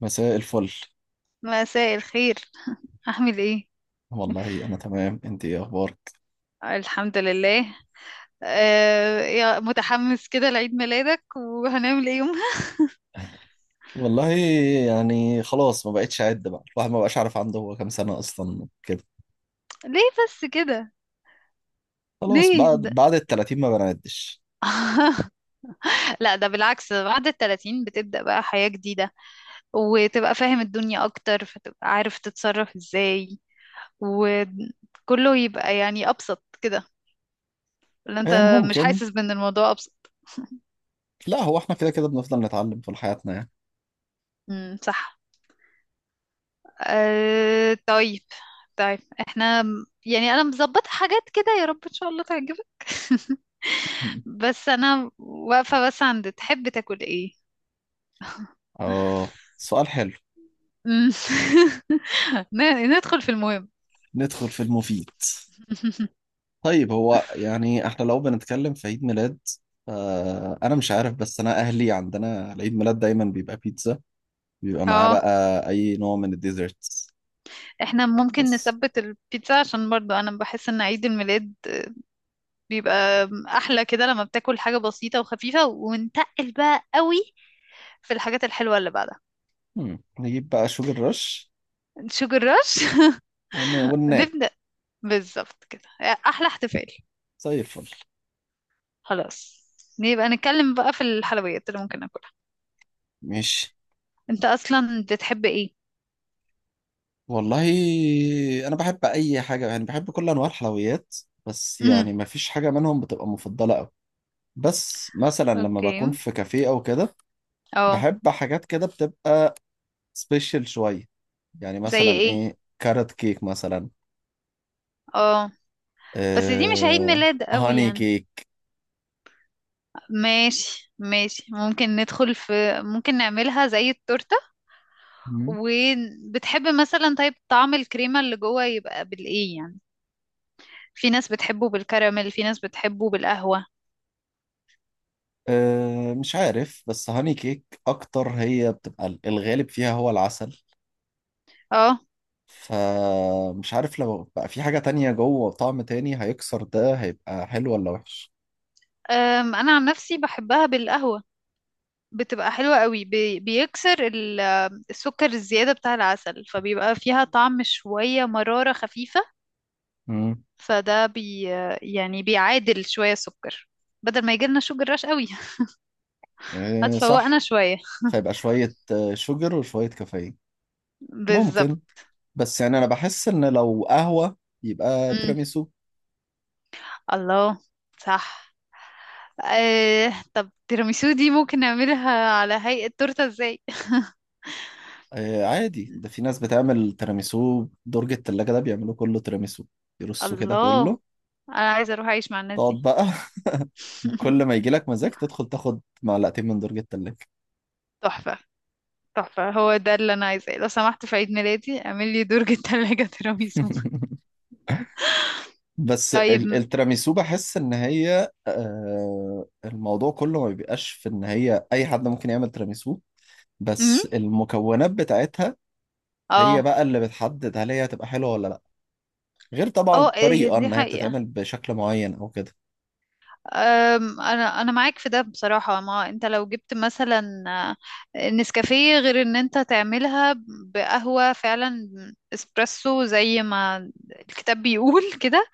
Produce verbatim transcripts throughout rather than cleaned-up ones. مساء الفل. مساء الخير. أعمل إيه؟ والله انا تمام، انت ايه اخبارك؟ الحمد لله. آه يا متحمس كده لعيد ميلادك، وهنعمل إيه يومها؟ والله يعني خلاص ما بقتش اعد بقى، الواحد ما بقاش عارف عنده هو كام سنه اصلا كده. ليه بس كده؟ خلاص ليه بعد ده؟ بعد ال التلاتين ما بنعدش. لا، ده بالعكس، بعد التلاتين بتبدأ بقى حياة جديدة، وتبقى فاهم الدنيا أكتر، فتبقى عارف تتصرف إزاي، وكله يبقى يعني أبسط كده. اللي آه، أنت مش ممكن. حاسس بأن الموضوع أبسط. لا، هو احنا كده كده بنفضل نتعلم طول حياتنا يعني. امم، صح. أه، طيب. طيب. احنا، يعني انا مظبطة حاجات كده، يا رب ان شاء الله تعجبك. بس انا واقفة بس عند تحب تاكل ايه؟ اه، سؤال حلو. مم. ن- ندخل في المهم. ندخل في المفيد. طيب هو يعني احنا لو بنتكلم في عيد ميلاد، آه انا مش عارف، بس انا اهلي عندنا العيد ميلاد دايما بيبقى بيتزا، بيبقى معاه اه. بقى اي نوع من الديزرتس؟ احنا ممكن بس. نثبت البيتزا، عشان برضو انا بحس ان عيد الميلاد بيبقى احلى كده لما بتاكل حاجة بسيطة وخفيفة، ونتقل بقى قوي في الحاجات الحلوة اللي بعدها. مم. نجيب بقى شوجر رش شوجر رش. ون... وننام. نبدأ. بالظبط كده احلى احتفال. زي الفل. خلاص. نبقى نتكلم بقى في الحلويات اللي ممكن ناكلها. ماشي. انت اصلا بتحب ايه؟ والله انا بحب اي حاجه، يعني بحب كل انواع الحلويات، بس امم. يعني ما فيش حاجه منهم بتبقى مفضله قوي. بس مثلا لما اوكي. بكون في كافيه او كده، اه. بحب حاجات كده بتبقى سبيشال شويه. يعني زي مثلا ايه؟ ايه، كارت كيك مثلا. اه. بس دي مش عيد آه... ميلاد قوي هاني يعني. كيك. ماشي ماشي، ممكن ندخل في، ممكن نعملها زي التورتة. مم. وبتحب مثلا طيب طعم الكريمة اللي جوه يبقى بالايه يعني؟ في ناس بتحبه بالكراميل، في ناس بتحبه بالقهوة. آه... مش عارف، بس هاني كيك اكتر هي بتبقى الغالب فيها هو العسل، اه. فمش عارف لو بقى في حاجة تانية جوه طعم تاني هيكسر ده، هيبقى حلو ولا وحش. أم، انا عن نفسي بحبها بالقهوة. بتبقى حلوة قوي، بي- بيكسر ال- السكر الزيادة بتاع العسل، فبيبقى فيها طعم شوية مرارة خفيفة. امم فده بي يعني بيعادل شوية السكر، بدل ما يجيلنا شوجر رش قوي. إيه هتفوقنا صح. شوية. فيبقى شوية آه، شوجر وشوية كافيين. بالظبط. ممكن. بس يعني أنا بحس إن لو قهوة يبقى مم. تيراميسو. الله. صح. آه، طب تيراميسو دي ممكن نعملها على هيئة تورتة ازاي؟ إيه عادي، ده في ناس بتعمل تيراميسو درج التلاجة، ده بيعملوا كله تيراميسو، يرصوا كده الله. كله. انا عايزة اروح اعيش مع الناس تقعد دي. بقى. كل ما يجيلك مزاج تدخل تاخد معلقتين من درج التلاجة. تحفة، تحفة هو ده اللي أنا عايزاه، لو سمحت في عيد ميلادي اعمل لي درج التلاجة تيراميسو. بس طيب. ال- التيراميسو بحس ان هي، آه، الموضوع كله ما بيبقاش في ان هي اي حد ممكن يعمل تيراميسو، امم. بس المكونات بتاعتها هي اه. بقى اللي بتحدد هل هي هتبقى حلوة ولا لا، غير طبعا اه، إيه الطريقة دي ان هي حقيقة. بتتعمل بشكل معين او كده. أم، انا انا معاك في ده بصراحة، ما انت لو جبت مثلا آه، نسكافيه، غير ان انت تعملها بقهوة فعلا اسبريسو زي ما الكتاب بيقول كده.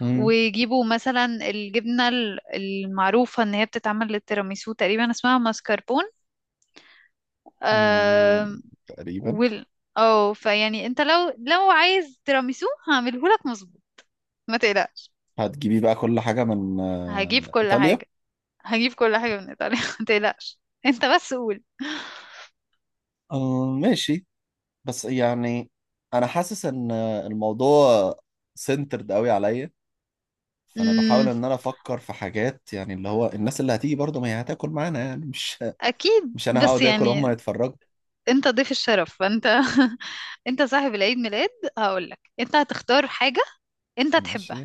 مم. ويجيبوا مثلا الجبنة ال- المعروفة ان هي بتتعمل للتيراميسو، تقريبا اسمها ماسكربون. مم. تقريبا. وال اه، فيعني انت لو لو عايز تيراميسو هعمله لك مظبوط، ما تقلقش. هتجيبي بقى كل حاجة من هجيب آه، كل ايطاليا؟ حاجة هجيب كل حاجة من ايطاليا. ما تقلقش، انت بس قول. آه، ماشي. بس يعني انا حاسس ان الموضوع سنترد قوي عليا، فانا بحاول امم. ان انا افكر في حاجات، يعني اللي هو الناس اللي هتيجي برضه ما هي هتاكل معانا يعني، مش اكيد، مش انا بس هقعد اكل هم يعني يتفرجوا. انت ضيف الشرف، فانت انت صاحب العيد ميلاد. هقول لك انت هتختار حاجة انت ماشي. تحبها،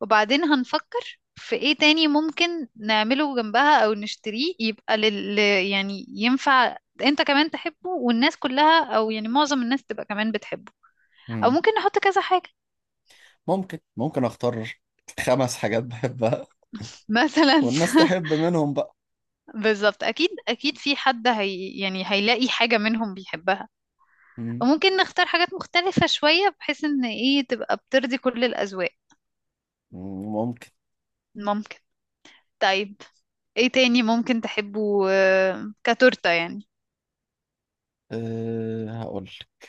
وبعدين هنفكر في ايه تاني ممكن نعمله جنبها او نشتريه يبقى لل يعني ينفع انت كمان تحبه والناس كلها، او يعني معظم الناس تبقى كمان بتحبه. او مم. ممكن نحط كذا حاجة. ممكن ممكن اختار خمس حاجات بحبها، مثلا. والناس تحب منهم بقى. بالظبط، اكيد اكيد في حد هي يعني هيلاقي حاجة منهم بيحبها. مم. وممكن نختار حاجات مختلفة شوية، بحيث ان ايه تبقى بترضي كل الاذواق. مم، ممكن. ممكن. طيب. ايه تاني ممكن تحبه آه، كتورتة يعني؟ أه هقول لك.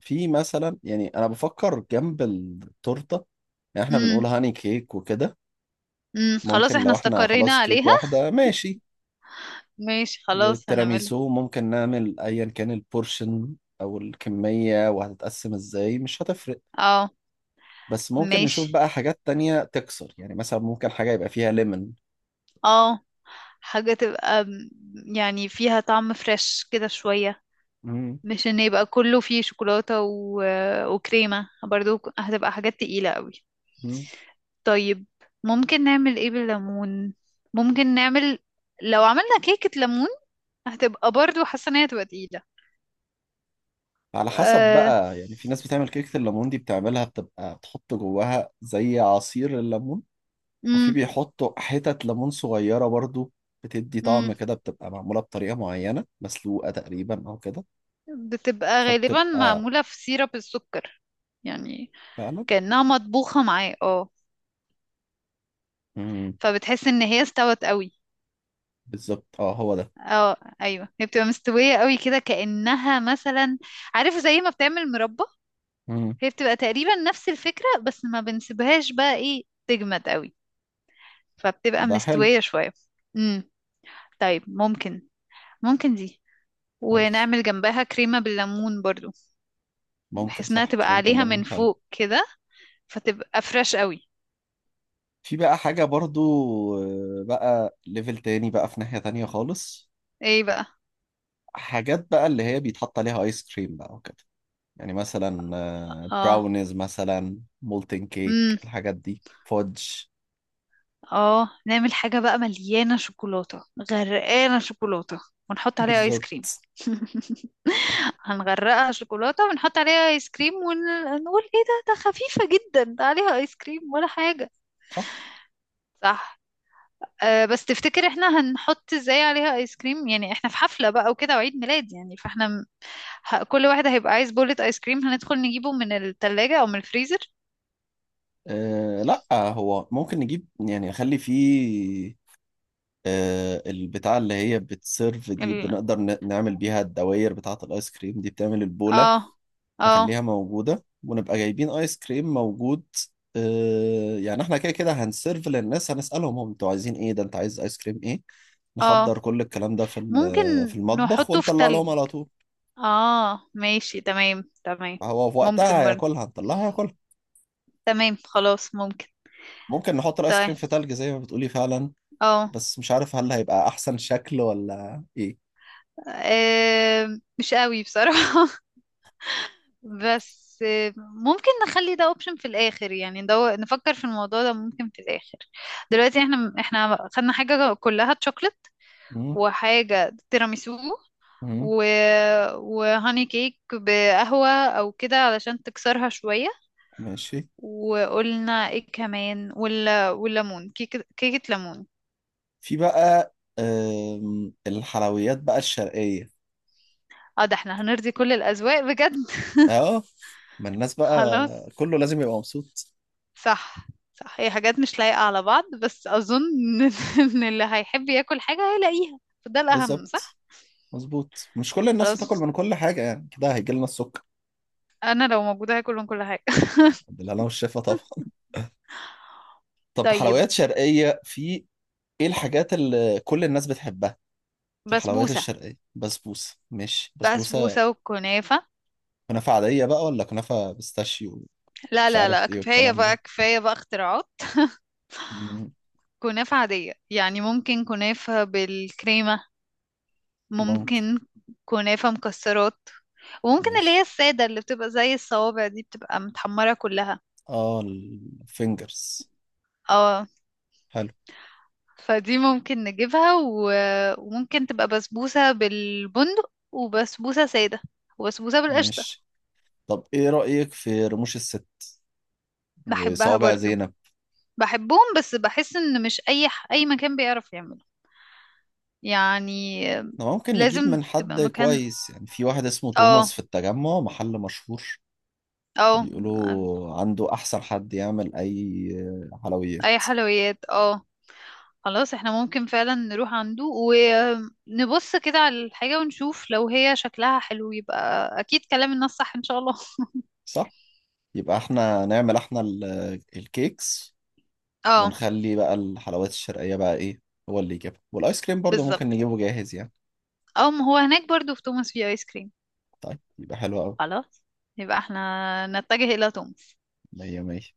في مثلا، يعني انا بفكر جنب التورته، يعني احنا امم، بنقول هاني كيك وكده. امم، خلاص ممكن احنا لو احنا استقرينا خلاص كيك عليها. واحده، ماشي. ماشي، خلاص هنعملها. والتيراميسو ممكن نعمل ايا كان البورشن او الكمية، وهتتقسم ازاي مش هتفرق. اه. بس ممكن نشوف ماشي. بقى حاجات تانية تكسر، يعني مثلا ممكن حاجة يبقى فيها ليمون. اه. حاجة تبقى م- يعني فيها طعم فريش كده شوية، مم. مش ان يبقى كله فيه شوكولاتة و... وكريمة برضو، هتبقى حاجات تقيلة قوي. مم. طيب. ممكن نعمل ايه بالليمون؟ ممكن نعمل لو عملنا كيكة ليمون، هتبقى برضو حاسة ان هي هتبقى تقيلة. على حسب آه... بقى، يعني في ناس بتعمل كيكة الليمون دي بتعملها بتبقى بتحط جواها زي عصير الليمون، وفي مم. بيحطوا حتت ليمون صغيرة برضو، بتدي طعم مم. كده، بتبقى معمولة بطريقة معينة مسلوقة تقريبا أو كده. بتبقى غالبا فبتبقى معمولة في سيرب السكر، يعني فعلا. كأنها مطبوخة معاه، اه. مم. فبتحس ان هي استوت قوي. بالظبط، اه هو ده. اه ايوه، هي بتبقى مستوية قوي كده، كأنها مثلا، عارف زي ما بتعمل مربى. مم. هي بتبقى تقريبا نفس الفكرة، بس ما بنسيبهاش بقى ايه تجمد قوي، فبتبقى ده حلو. مستوية شوية. امم. طيب ممكن ممكن دي، عادي، ونعمل جنبها كريمة بالليمون برضو، ممكن بحيث انها صح، تبقى كريمة عليها من اللبن حلو. فوق كده، فتبقى فريش قوي. في بقى حاجة برضو آه، بقى ليفل تاني بقى في ناحية تانية خالص، ايه بقى؟ حاجات بقى اللي هي بيتحط عليها آيس كريم بقى وكده، يعني مثلا آه، اه. براونيز مثلا، مولتن كيك، امم. الحاجات دي، فودج. اه. نعمل حاجة بقى مليانة شوكولاتة، غرقانة شوكولاتة، ونحط عليها ايس كريم. بالظبط. هنغرقها شوكولاتة، ونحط عليها ايس كريم، ونقول ايه ده، ده خفيفة جدا، ده عليها ايس كريم ولا حاجة. صح. صح. أه، بس تفتكر احنا هنحط ازاي عليها ايس كريم؟ يعني احنا في حفلة بقى وكده، وعيد ميلاد يعني، فاحنا م- ه- كل واحد هيبقى عايز بولة ايس كريم، هندخل نجيبه من التلاجة او من الفريزر. أه لا، هو ممكن نجيب، يعني نخلي فيه. أه البتاع اللي هي بتسيرف دي ال... بنقدر ن- نعمل بيها الدوائر بتاعة الآيس كريم، دي بتعمل البولة، اه. اه. نخليها موجودة ونبقى جايبين آيس كريم موجود. آه، يعني احنا كده كده هنسيرف للناس، هنسألهم هم انتوا عايزين ايه، ده انت عايز آيس كريم ايه. اه. نحضر كل الكلام ده في ممكن ال- في المطبخ نحطه في ونطلع تلج. لهم على طول. اه، ماشي، تمام تمام. هو في وقتها ممكن برضه. هياكلها، هنطلعها هياكلها. تمام خلاص ممكن. ممكن نحط الآيس طيب. كريم في تلج زي ما بتقولي فعلا، اه. بس مش عارف هل هيبقى أحسن شكل ولا ايه. آم، مش قوي بصراحة. بس آم، ممكن نخلي ده اوبشن في الاخر، يعني ندو... نفكر في الموضوع ده ممكن في الاخر. دلوقتي احنا احنا خدنا حاجة كلها تشوكلت، مم، وحاجة تيراميسو مم، و... وهاني كيك بقهوة او كده علشان تكسرها شوية. ماشي. وقلنا ايه كمان، ولا والليمون كيكة كيكة ليمون؟ في بقى آم، الحلويات بقى الشرقية. اه، ده احنا هنرضي كل الأذواق بجد. اه، ما الناس بقى خلاص. كله لازم يبقى مبسوط. صح. صح، هي حاجات مش لايقة على بعض، بس أظن إن إن اللي هيحب ياكل حاجة هيلاقيها، فده الأهم، بالظبط. صح؟ مظبوط، مش كل الناس هتاكل خلاص. من كل حاجة يعني، كده هيجي لنا السكر. أنا لو موجودة هاكل من كل حاجة. بالله، أنا والشفا طبعا. طب حلويات طيب. شرقية، في إيه الحاجات اللي كل الناس بتحبها في الحلويات بسبوسة. الشرقية؟ بسبوسة. ماشي، بسبوسة. بسبوسة وكنافة. كنافة عادية بقى ولا كنافة بيستاشيو؟ لا مش لا لا، عارف إيه كفاية والكلام بقى ده. كفاية بقى اختراعات. مم، كنافة عادية يعني، ممكن كنافة بالكريمة. ممكن. ممكن. كنافة مكسرات. وممكن اللي هي ماشي. السادة، اللي بتبقى زي الصوابع دي، بتبقى متحمرة كلها. آه الفينجرز. اه. حلو. فدي ممكن نجيبها، و... وممكن تبقى بسبوسة بالبندق، وبسبوسة سادة، وبسبوسة بالقشطة. ماشي. طب إيه رأيك في رموش الست بحبها وصوابع برضو. زينب؟ بحبهم، بس بحس ان مش اي ح... اي مكان بيعرف يعمله يعني. ده ممكن نجيب لازم من حد تبقى مكان. كويس، يعني في واحد اسمه اه. توماس في التجمع، محل مشهور، اه. بيقولوا عنده أحسن حد يعمل أي اي حلويات. حلويات، اه. خلاص، احنا ممكن فعلا نروح عنده، ونبص كده على الحاجة، ونشوف لو هي شكلها حلو، يبقى اكيد كلام الناس صح ان شاء الله. صح؟ يبقى احنا نعمل احنا ال- الكيكس، اه. ونخلي بقى الحلويات الشرقية بقى ايه، هو اللي يجيبها. والآيس كريم برضه ممكن بالظبط. نجيبه جاهز يعني. اه ما هو هناك برضو في توماس في ايس كريم. طيب يبقى حلو أوي. خلاص. يبقى احنا نتجه إلى تونس. مية مية.